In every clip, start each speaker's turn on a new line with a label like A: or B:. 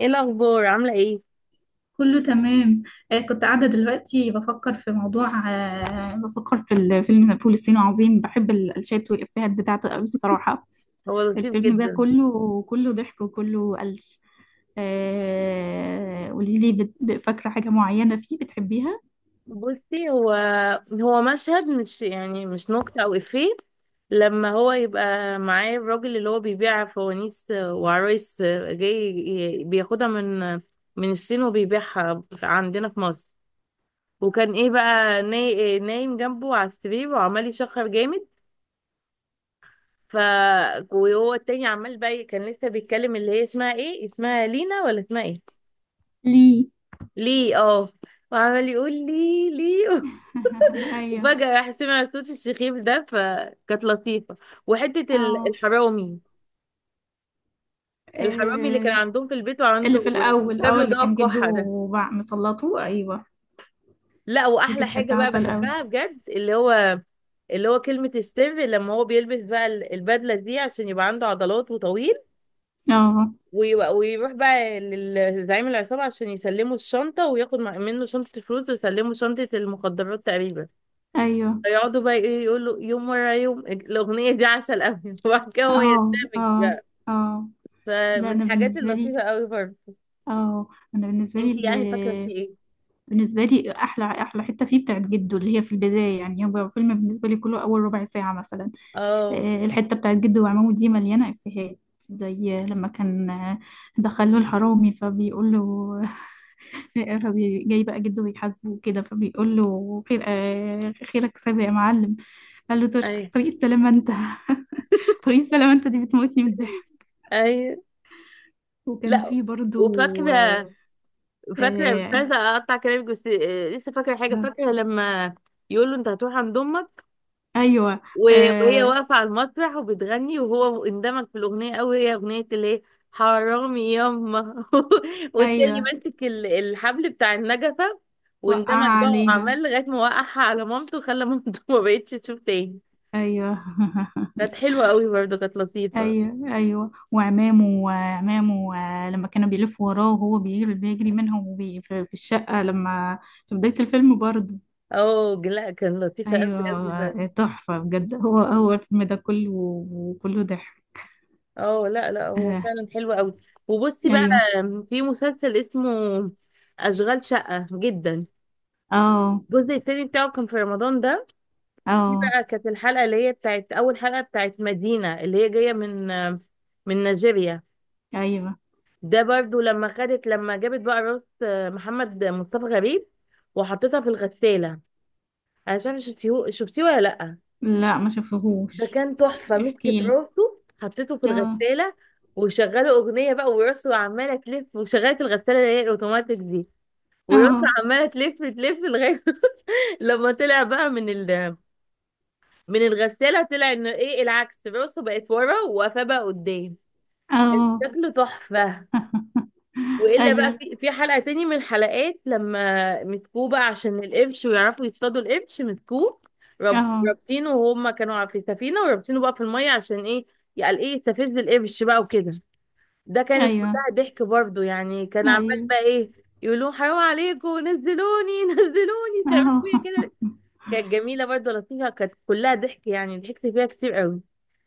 A: ايه الاخبار؟ عامله ايه؟
B: كله تمام. كنت قاعدة دلوقتي بفكر في موضوع، بفكر في الفيلم فول الصين العظيم. بحب الشات والإفيهات بتاعته قوي الصراحة.
A: هو لطيف
B: الفيلم ده
A: جدا.
B: كله كله ضحك وكله قلش. قولي لي، فاكرة حاجة معينة فيه بتحبيها؟
A: بصي هو هو مشهد، مش يعني مش نكته او افيه. لما هو يبقى معاه الراجل اللي هو بيبيع فوانيس وعرايس، جاي بياخدها من الصين وبيبيعها عندنا في مصر. وكان ايه بقى نايم جنبه على السرير وعمال يشخر جامد. ف وهو التاني عمال بقى كان لسه بيتكلم، اللي هي اسمها ايه، اسمها لينا ولا اسمها ايه؟
B: ليه.
A: ليه؟ اه. وعمال يقول لي ليه.
B: أيوه.
A: وفجأة راح سمع صوت الشخير ده، فكانت لطيفة. وحتة
B: اه.
A: الحرامي، الحرامي اللي كان
B: آه.
A: عندهم في البيت
B: اللي
A: وعنده،
B: في الأول،
A: وجاب له
B: اللي
A: دواء
B: كان جده
A: الكحة ده.
B: وبع- مسلطه. أيوه.
A: لا،
B: دي
A: وأحلى
B: كانت
A: حاجة
B: حتة
A: بقى
B: عسل قوي.
A: بحبها بجد، اللي هو كلمة السر لما هو بيلبس بقى البدلة دي عشان يبقى عنده عضلات وطويل،
B: اه.
A: ويروح بقى لزعيم العصابة عشان يسلموا الشنطة وياخد منه شنطة الفلوس ويسلموا شنطة المخدرات تقريبا.
B: أيوه.
A: يقعدوا بقى ايه، يقولوا يوم ورا يوم، الأغنية دي عسل أوي. وبعد كده هو
B: اه.
A: يندمج.
B: اه. اه.
A: فمن
B: لا، انا
A: الحاجات
B: بالنسبه لي.
A: اللطيفة قوي برضه.
B: اه. انا بالنسبه
A: انت
B: لي
A: يعني فاكرة في ايه؟
B: بالنسبه لي احلى احلى حته فيه بتاعت جده اللي هي في البدايه، يعني هو فيلم بالنسبه لي كله اول ربع ساعه مثلا.
A: اه.
B: الحته بتاعت جده وعمامه دي مليانه افيهات. زي لما كان، دخل له الحرامي فبيقول له. جاي بقى جده بيحاسبه وكده فبيقول له خير، خيرك سابق يا معلم. قال له
A: اي.
B: تشكر طريق السلامه انت. طريق السلامه انت دي بتموتني من الضحك.
A: اي.
B: وكان
A: لا،
B: في برضو.
A: وفاكرة، مش عايزة اقطع كلامك بس لسه فاكرة حاجة،
B: آه.
A: فاكرة لما يقول له انت هتروح عند امك،
B: ايوه.
A: وهي
B: آه.
A: واقفة على المسرح وبتغني وهو اندمج في الاغنية قوي، هي اغنية اللي هي حرامي ياما. والتاني
B: ايوه.
A: ماسك الحبل بتاع النجفة، واندمج
B: وقعها
A: بقى
B: عليها.
A: وعمل لغاية ما وقعها على مامته وخلى مامته ما بقتش تشوف تاني.
B: ايوه.
A: كانت حلوة قوي برضه، كانت لطيفة.
B: ايوه، ايوه، وعمامه وعمامه. لما كانوا بيلفوا وراه وهو بيجري بيجري منهم، وبي في الشقة لما في بداية الفيلم برضه.
A: اه، لا كان لطيفة قوي
B: ايوه.
A: قوي برضه.
B: تحفة بجد، هو الفيلم ده كله وكله ضحك.
A: اه، لا لا هو
B: آه.
A: فعلا حلو قوي. وبصي بقى،
B: ايوه.
A: في مسلسل اسمه أشغال شقة جدا،
B: اه.
A: الجزء التاني بتاعه كان في رمضان ده. دي
B: اه.
A: بقى كانت الحلقة اللي هي بتاعت أول حلقة بتاعت مدينة اللي هي جاية من نيجيريا.
B: ايوه.
A: ده برضو لما خدت لما جابت بقى راس محمد مصطفى غريب وحطيتها في الغسالة. أنا مش عارفة شفتيه ولا لأ.
B: لا ما
A: ده
B: شافهوش.
A: كان تحفة،
B: احكي
A: مسكت
B: لي.
A: راسه حطيته في
B: اه.
A: الغسالة وشغلوا أغنية بقى وراسه عمالة تلف، وشغلت الغسالة اللي هي الأوتوماتيك دي، وراسه
B: اه.
A: عمالة تلف تلف لغاية لما طلع بقى من الغسالة، طلع إنه إيه، العكس، راسه بقت ورا وقفاه بقى قدام.
B: اه.
A: شكله تحفة. والا بقى
B: ايوه.
A: في حلقه تاني من الحلقات لما مسكوه بقى عشان القرش ويعرفوا يصطادوا القرش، مسكوه
B: اه.
A: رابطينه وهم كانوا في سفينه، ورابطينه بقى في الميه عشان ايه، يعني ايه، يستفز القرش بقى وكده. ده كانت كلها
B: ايوه،
A: ضحك برضو، يعني كان عمال
B: ايوه.
A: بقى ايه، يقولوا حرام عليكم نزلوني نزلوني
B: اهو.
A: تعملوا فيا كده. كانت جميلة برضه لطيفة، كانت كلها ضحك يعني، ضحكت فيها كتير قوي.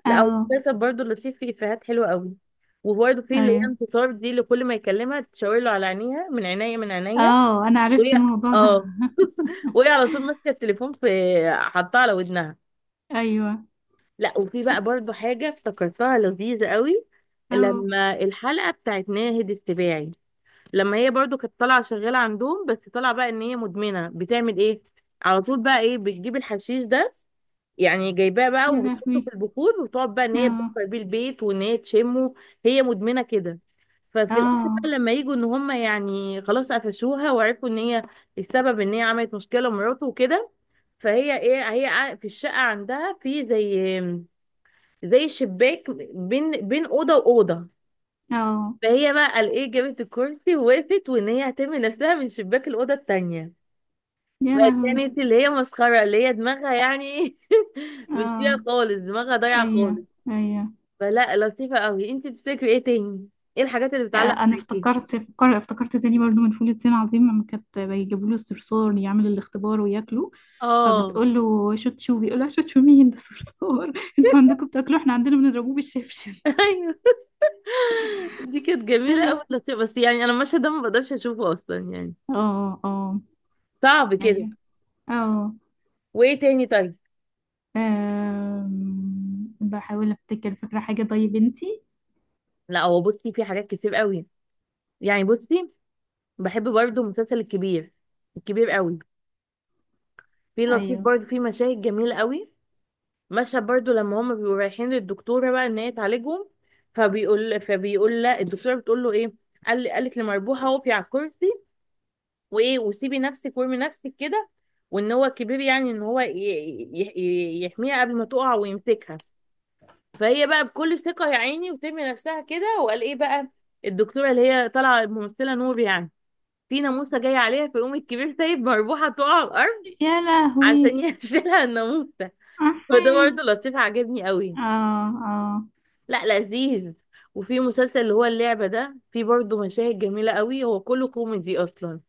A: لا
B: اهو.
A: المسلسل برضه لطيف فيه إفيهات حلوة قوي. وبرضه في اللي هي
B: ايوه.
A: انتصار دي، اللي كل ما يكلمها تشاور له على عينيها، من عينيا، من عينيا،
B: اه، انا
A: وهي
B: عرفت الموضوع ده.
A: اه وهي على طول ماسكة التليفون في، حطها على ودنها.
B: ايوه.
A: لا، وفي بقى برضه حاجة افتكرتها لذيذة قوي،
B: اه.
A: لما الحلقة بتاعت ناهد السباعي، لما هي برضو كانت طالعه شغاله عندهم بس طالعه بقى ان هي مدمنه بتعمل ايه، على طول بقى ايه بتجيب الحشيش ده، يعني جايباه بقى
B: يا
A: وبتحطه
B: لهوي.
A: في البخور وتقعد بقى ان هي
B: اه.
A: تبخر بيه البيت وان هي تشمه، هي مدمنه كده. ففي الاخر بقى
B: اه.
A: لما يجوا ان هم يعني خلاص قفشوها وعرفوا ان هي السبب، ان هي عملت مشكله لمراته وكده، فهي ايه، هي في الشقه عندها في زي شباك بين بين اوضه واوضه.
B: اه.
A: فهي بقى الايه، جابت الكرسي ووقفت وان هي هترمي نفسها من شباك الاوضه التانية.
B: يا لهوي.
A: فكانت اللي هي مسخره، اللي هي دماغها يعني مش
B: اه.
A: فيها خالص، دماغها ضايعه
B: ايوه،
A: خالص.
B: ايوه.
A: فلا، لطيفه قوي. انت بتفتكري ايه تاني؟ ايه الحاجات اللي
B: آه،
A: بتعلق
B: انا
A: معاكي؟
B: افتكرت، افتكرت تاني برضو من فول الصين العظيم لما كانت بيجيبوا له الصرصور يعمل الاختبار وياكله،
A: اه.
B: فبتقول له شوتشو، بيقول لها شوتشو مين ده؟ صرصور. انتوا عندكم بتاكلوه، احنا عندنا بنضربوه بالشبشب.
A: ايوه، دي كانت جميله قوي
B: ايوه.
A: لطيفه، بس يعني انا المشهد ده ما بقدرش اشوفه اصلا يعني،
B: اه. اه.
A: صعب كده.
B: ايوه. اه.
A: وايه تاني؟ طيب.
B: بحاول افتكر، فاكرة حاجة طيب انتي؟
A: لا، هو بصي في حاجات كتير قوي يعني، بصي، بحب برضو المسلسل الكبير، الكبير قوي، في لطيف
B: ايوه.
A: برضو، في مشاهد جميلة قوي. مشهد برضو لما هما بيبقوا رايحين للدكتورة بقى ان هي تعالجهم، فبيقول لا، الدكتورة بتقول له ايه، قالت لمربوحة اقفي على الكرسي، وايه، وسيبي نفسك وارمي نفسك كده، وان هو كبير يعني ان هو يحميها قبل ما تقع ويمسكها. فهي بقى بكل ثقة يا عيني، وترمي نفسها كده، وقال ايه بقى، الدكتورة اللي هي طالعة الممثلة نور يعني، في ناموسة جاية عليها، فيقوم الكبير سايب مربوحة تقع على الأرض
B: يا
A: عشان
B: لهوي.
A: يشيلها الناموسة.
B: احي.
A: فده برضه لطيف، عجبني قوي.
B: اه. اه.
A: لا، لذيذ. وفي مسلسل اللي هو اللعبة ده، في برضه مشاهد جميلة قوي، هو كله كوميدي أصلا.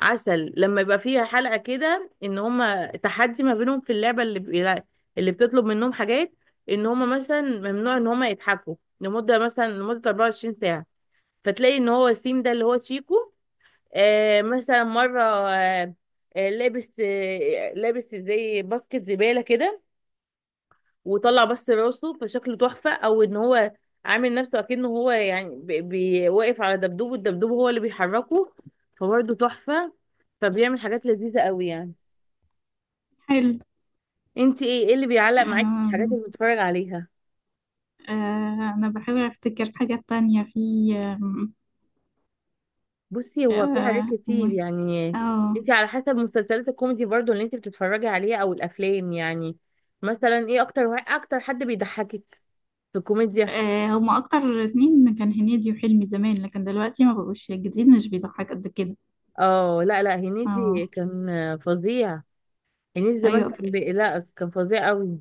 A: عسل لما يبقى فيها حلقة كده إن هما تحدي ما بينهم في اللعبة، اللي بتطلب منهم حاجات، إن هما مثلا ممنوع إن هما يتحكوا لمدة، مثلا لمدة 24 ساعة. فتلاقي إن هو سيم ده اللي هو شيكو، مثلا مرة لابس زي باسكت زبالة كده، وطلع بس راسه فشكله تحفة، او ان هو عامل نفسه اكنه هو يعني واقف على دبدوب، والدبدوب هو اللي بيحركه، فبرضه تحفة. فبيعمل حاجات لذيذة قوي يعني.
B: حلو.
A: انت ايه اللي بيعلق معاكي في الحاجات اللي
B: أم...
A: بتتفرج عليها؟
B: آه انا بحاول افتكر حاجة تانية في. أم...
A: بصي، هو في حاجات
B: اه
A: كتير يعني.
B: آه.
A: انت على حسب مسلسلات الكوميدي برضه اللي انت بتتفرجي عليها او الافلام يعني، مثلا ايه اكتر اكتر حد بيضحكك في الكوميديا؟
B: هما اكتر اتنين كان هنيدي وحلمي زمان، لكن دلوقتي ما بقوش الجديد مش بيضحك قد كده.
A: اه، لا لا، هنيدي
B: اه.
A: كان فظيع. هنيدي زمان
B: ايوه.
A: كان لا كان فظيع قوي.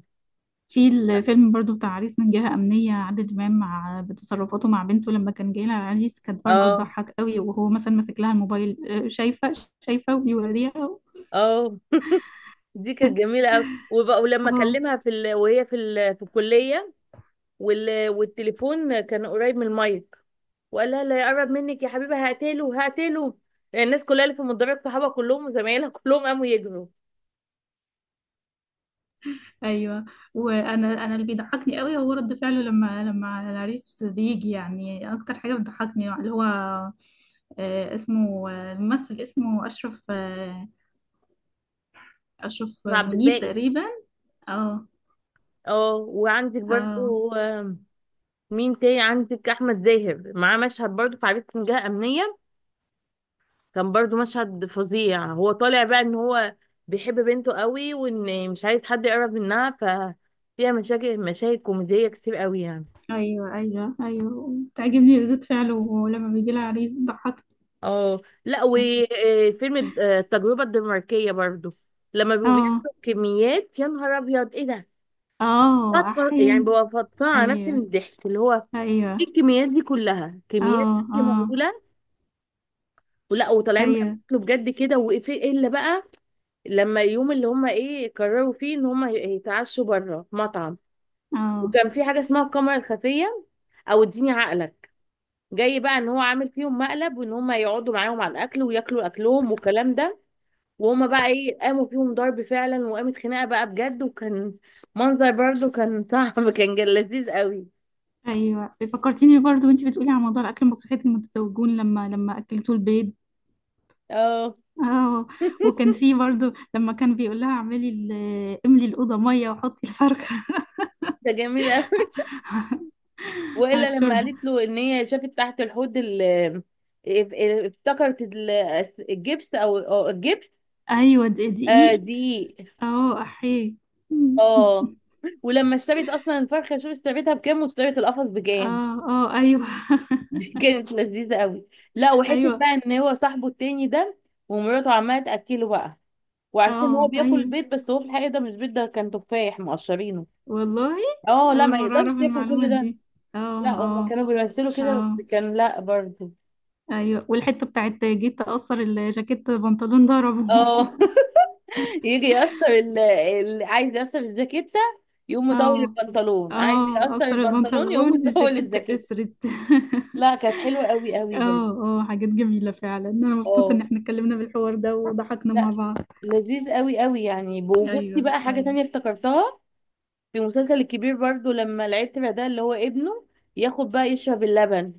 B: في الفيلم برضو بتاع عريس من جهة أمنية، عادل إمام مع بتصرفاته مع بنته لما كان جاي لها عريس، كانت برضو
A: اه
B: تضحك قوي، وهو مثلا ماسك لها الموبايل. شايفة، شايفة وبيوريها.
A: اه. دي كانت جميله قوي، وبقى ولما
B: اهو.
A: اكلمها وهي في الكليه، والتليفون كان قريب من المايك، وقال لها لا يقرب منك يا حبيبي، هقتله هقتله، يعني الناس كلها اللي في المدرج صحابها كلهم وزمايلها كلهم قاموا يجروا.
B: ايوه. وانا انا اللي بيضحكني قوي هو رد فعله لما العريس بيجي. يعني اكتر حاجه بتضحكني اللي هو، اسمه، الممثل اسمه اشرف، اشرف
A: عبد
B: منيب
A: الباقي.
B: تقريبا. اه.
A: اه، وعندك
B: اه.
A: برضو مين تاني عندك؟ احمد زاهر معاه مشهد برضو في عريس من جهه امنيه، كان برضو مشهد فظيع. هو طالع بقى ان هو بيحب بنته قوي وان مش عايز حد يقرب منها، ففيها مشاكل، مشاهد كوميدية كتير قوي يعني.
B: ايوه، ايوه، ايوه، تعجبني ردود فعله، ولما بيجي لها عريس بتضحك.
A: اه، لا، وفيلم التجربة الدنماركية برضو، لما بيبقوا
B: اه.
A: بياكلوا كميات، يا نهار ابيض ايه ده،
B: اه.
A: يعني
B: احيي.
A: ببقى فطانة على نفسي من
B: ايوه.
A: الضحك، اللي هو ايه،
B: ايوه.
A: الكميات دي كلها كميات
B: اه.
A: أكل
B: اه.
A: مهولة. ولا وطالعين بقى
B: ايوه.
A: بياكلوا بجد كده وايه. الا بقى لما يوم اللي هم ايه قرروا فيه ان هم يتعشوا بره مطعم،
B: اه.
A: وكان في حاجه اسمها الكاميرا الخفيه او اديني عقلك، جاي بقى ان هو عامل فيهم مقلب وان هم يقعدوا معاهم على الاكل وياكلوا اكلهم والكلام ده. وهم بقى ايه قاموا فيهم ضرب فعلا، وقامت خناقه بقى بجد، وكان منظر برضه كان صعب، كان لذيذ قوي.
B: ايوه. فكرتيني برضو وانتي بتقولي على موضوع الاكل، مسرحيه المتزوجون لما اكلتوا البيض.
A: اه،
B: اه. وكان في برضو لما كان بيقول لها اعملي املي الاوضه ميه وحطي الفرخه.
A: ده جميل قوي.
B: على
A: والا لما
B: الشوربه.
A: قالت له ان هي شافت تحت الحوض اف- افتكرت الجبس أو الجبس،
B: ايوه، دقيق.
A: دي.
B: اه. احيي.
A: اه، ولما اشتريت اصلا الفرخه، شوف اشتريتها بكام واشتريت القفص بكام.
B: اه. اه. ايوه.
A: دي كانت لذيذة قوي. لا، وحتة
B: ايوه.
A: بقى ان هو صاحبه التاني ده ومراته عمالة تأكله بقى، وعارفين ان هو
B: اه.
A: بياكل
B: ايوه.
A: بيض، بس هو في الحقيقة ده مش بيض، ده كان تفاح مقشرينه.
B: والله،
A: اه، لا
B: أول
A: ما
B: مرة أعرف
A: يقدرش ياكل
B: المعلومة
A: كل ده.
B: دي. اه.
A: لا، هما
B: اه.
A: كانوا بيمثلوا كده بس،
B: اه.
A: كان لا برضه.
B: أيوة، والحتة بتاعت جيت أقصر الجاكيت بنطلون ضربه.
A: اه يجي يقصر، اللي عايز يقصر الجاكيتة يقوم مطول
B: اه.
A: البنطلون، عايز
B: اه،
A: يقصر
B: أقصر
A: البنطلون يقوم
B: البنطلون،
A: مطول
B: الجاكيت
A: الجاكيتة.
B: قصرت.
A: لا كانت حلوة قوي قوي برضه.
B: اه. اه، حاجات جميلة فعلا، أنا مبسوطة إن
A: اه،
B: احنا اتكلمنا بالحوار ده وضحكنا
A: لا،
B: مع بعض.
A: لذيذ قوي قوي يعني. وبصي
B: أيوة،
A: بقى حاجة
B: أيوة.
A: تانية افتكرتها، في مسلسل الكبير برضو لما العيال تبع ده اللي هو ابنه، ياخد بقى يشرب اللبن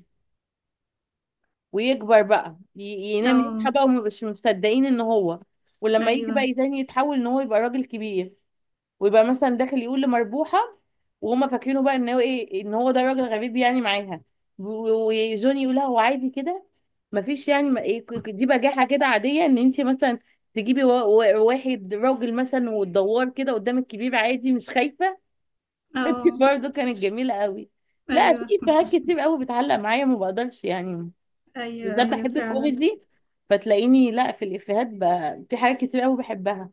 A: ويكبر بقى ينام يصحى
B: اه،
A: بقى، ومبقاش مصدقين ان هو، ولما يجي
B: أيوة.
A: بقى تاني يتحول ان هو يبقى راجل كبير، ويبقى مثلا داخل يقول لمربوحة، وهما فاكرينه بقى ان هو ايه، ان هو ده راجل غريب يعني معاها، وجوني يقول لها هو عادي كده، مفيش يعني ما إيه، دي بجاحة كده عادية، ان انت مثلا تجيبي واحد راجل مثلا وتدور كده قدام الكبير عادي مش خايفة. كانتش
B: اه،
A: برضه، كانت جميلة قوي. لا، في
B: أيوة،
A: إفيهات كتير قوي بتعلق معايا ما بقدرش يعني،
B: أيوة،
A: بالذات
B: أيوة
A: بحب
B: فعلا.
A: الكوميدي، فتلاقيني لا في الإفيهات بقى في حاجات كتير قوي بحبها.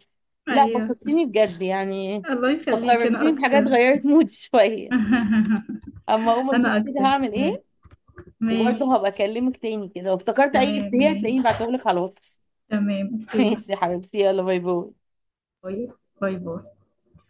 A: لا،
B: أيوة،
A: بسطتيني بجد يعني.
B: الله يخليك، أنا
A: فكرتيني بحاجات
B: أكتر.
A: غيرت مودي شوية. أما أقوم أشوف
B: أنا
A: كده
B: أكتر.
A: هعمل إيه.
B: ماشي.
A: وبرضه هبقى أكلمك تاني كده لو افتكرت أي
B: تمام،
A: إفيه
B: ماشي.
A: هتلاقيني بعتهولك على الواتس.
B: تمام، اوكي.
A: ماشي يا حبيبتي، يلا باي باي.
B: طيب. باي باي.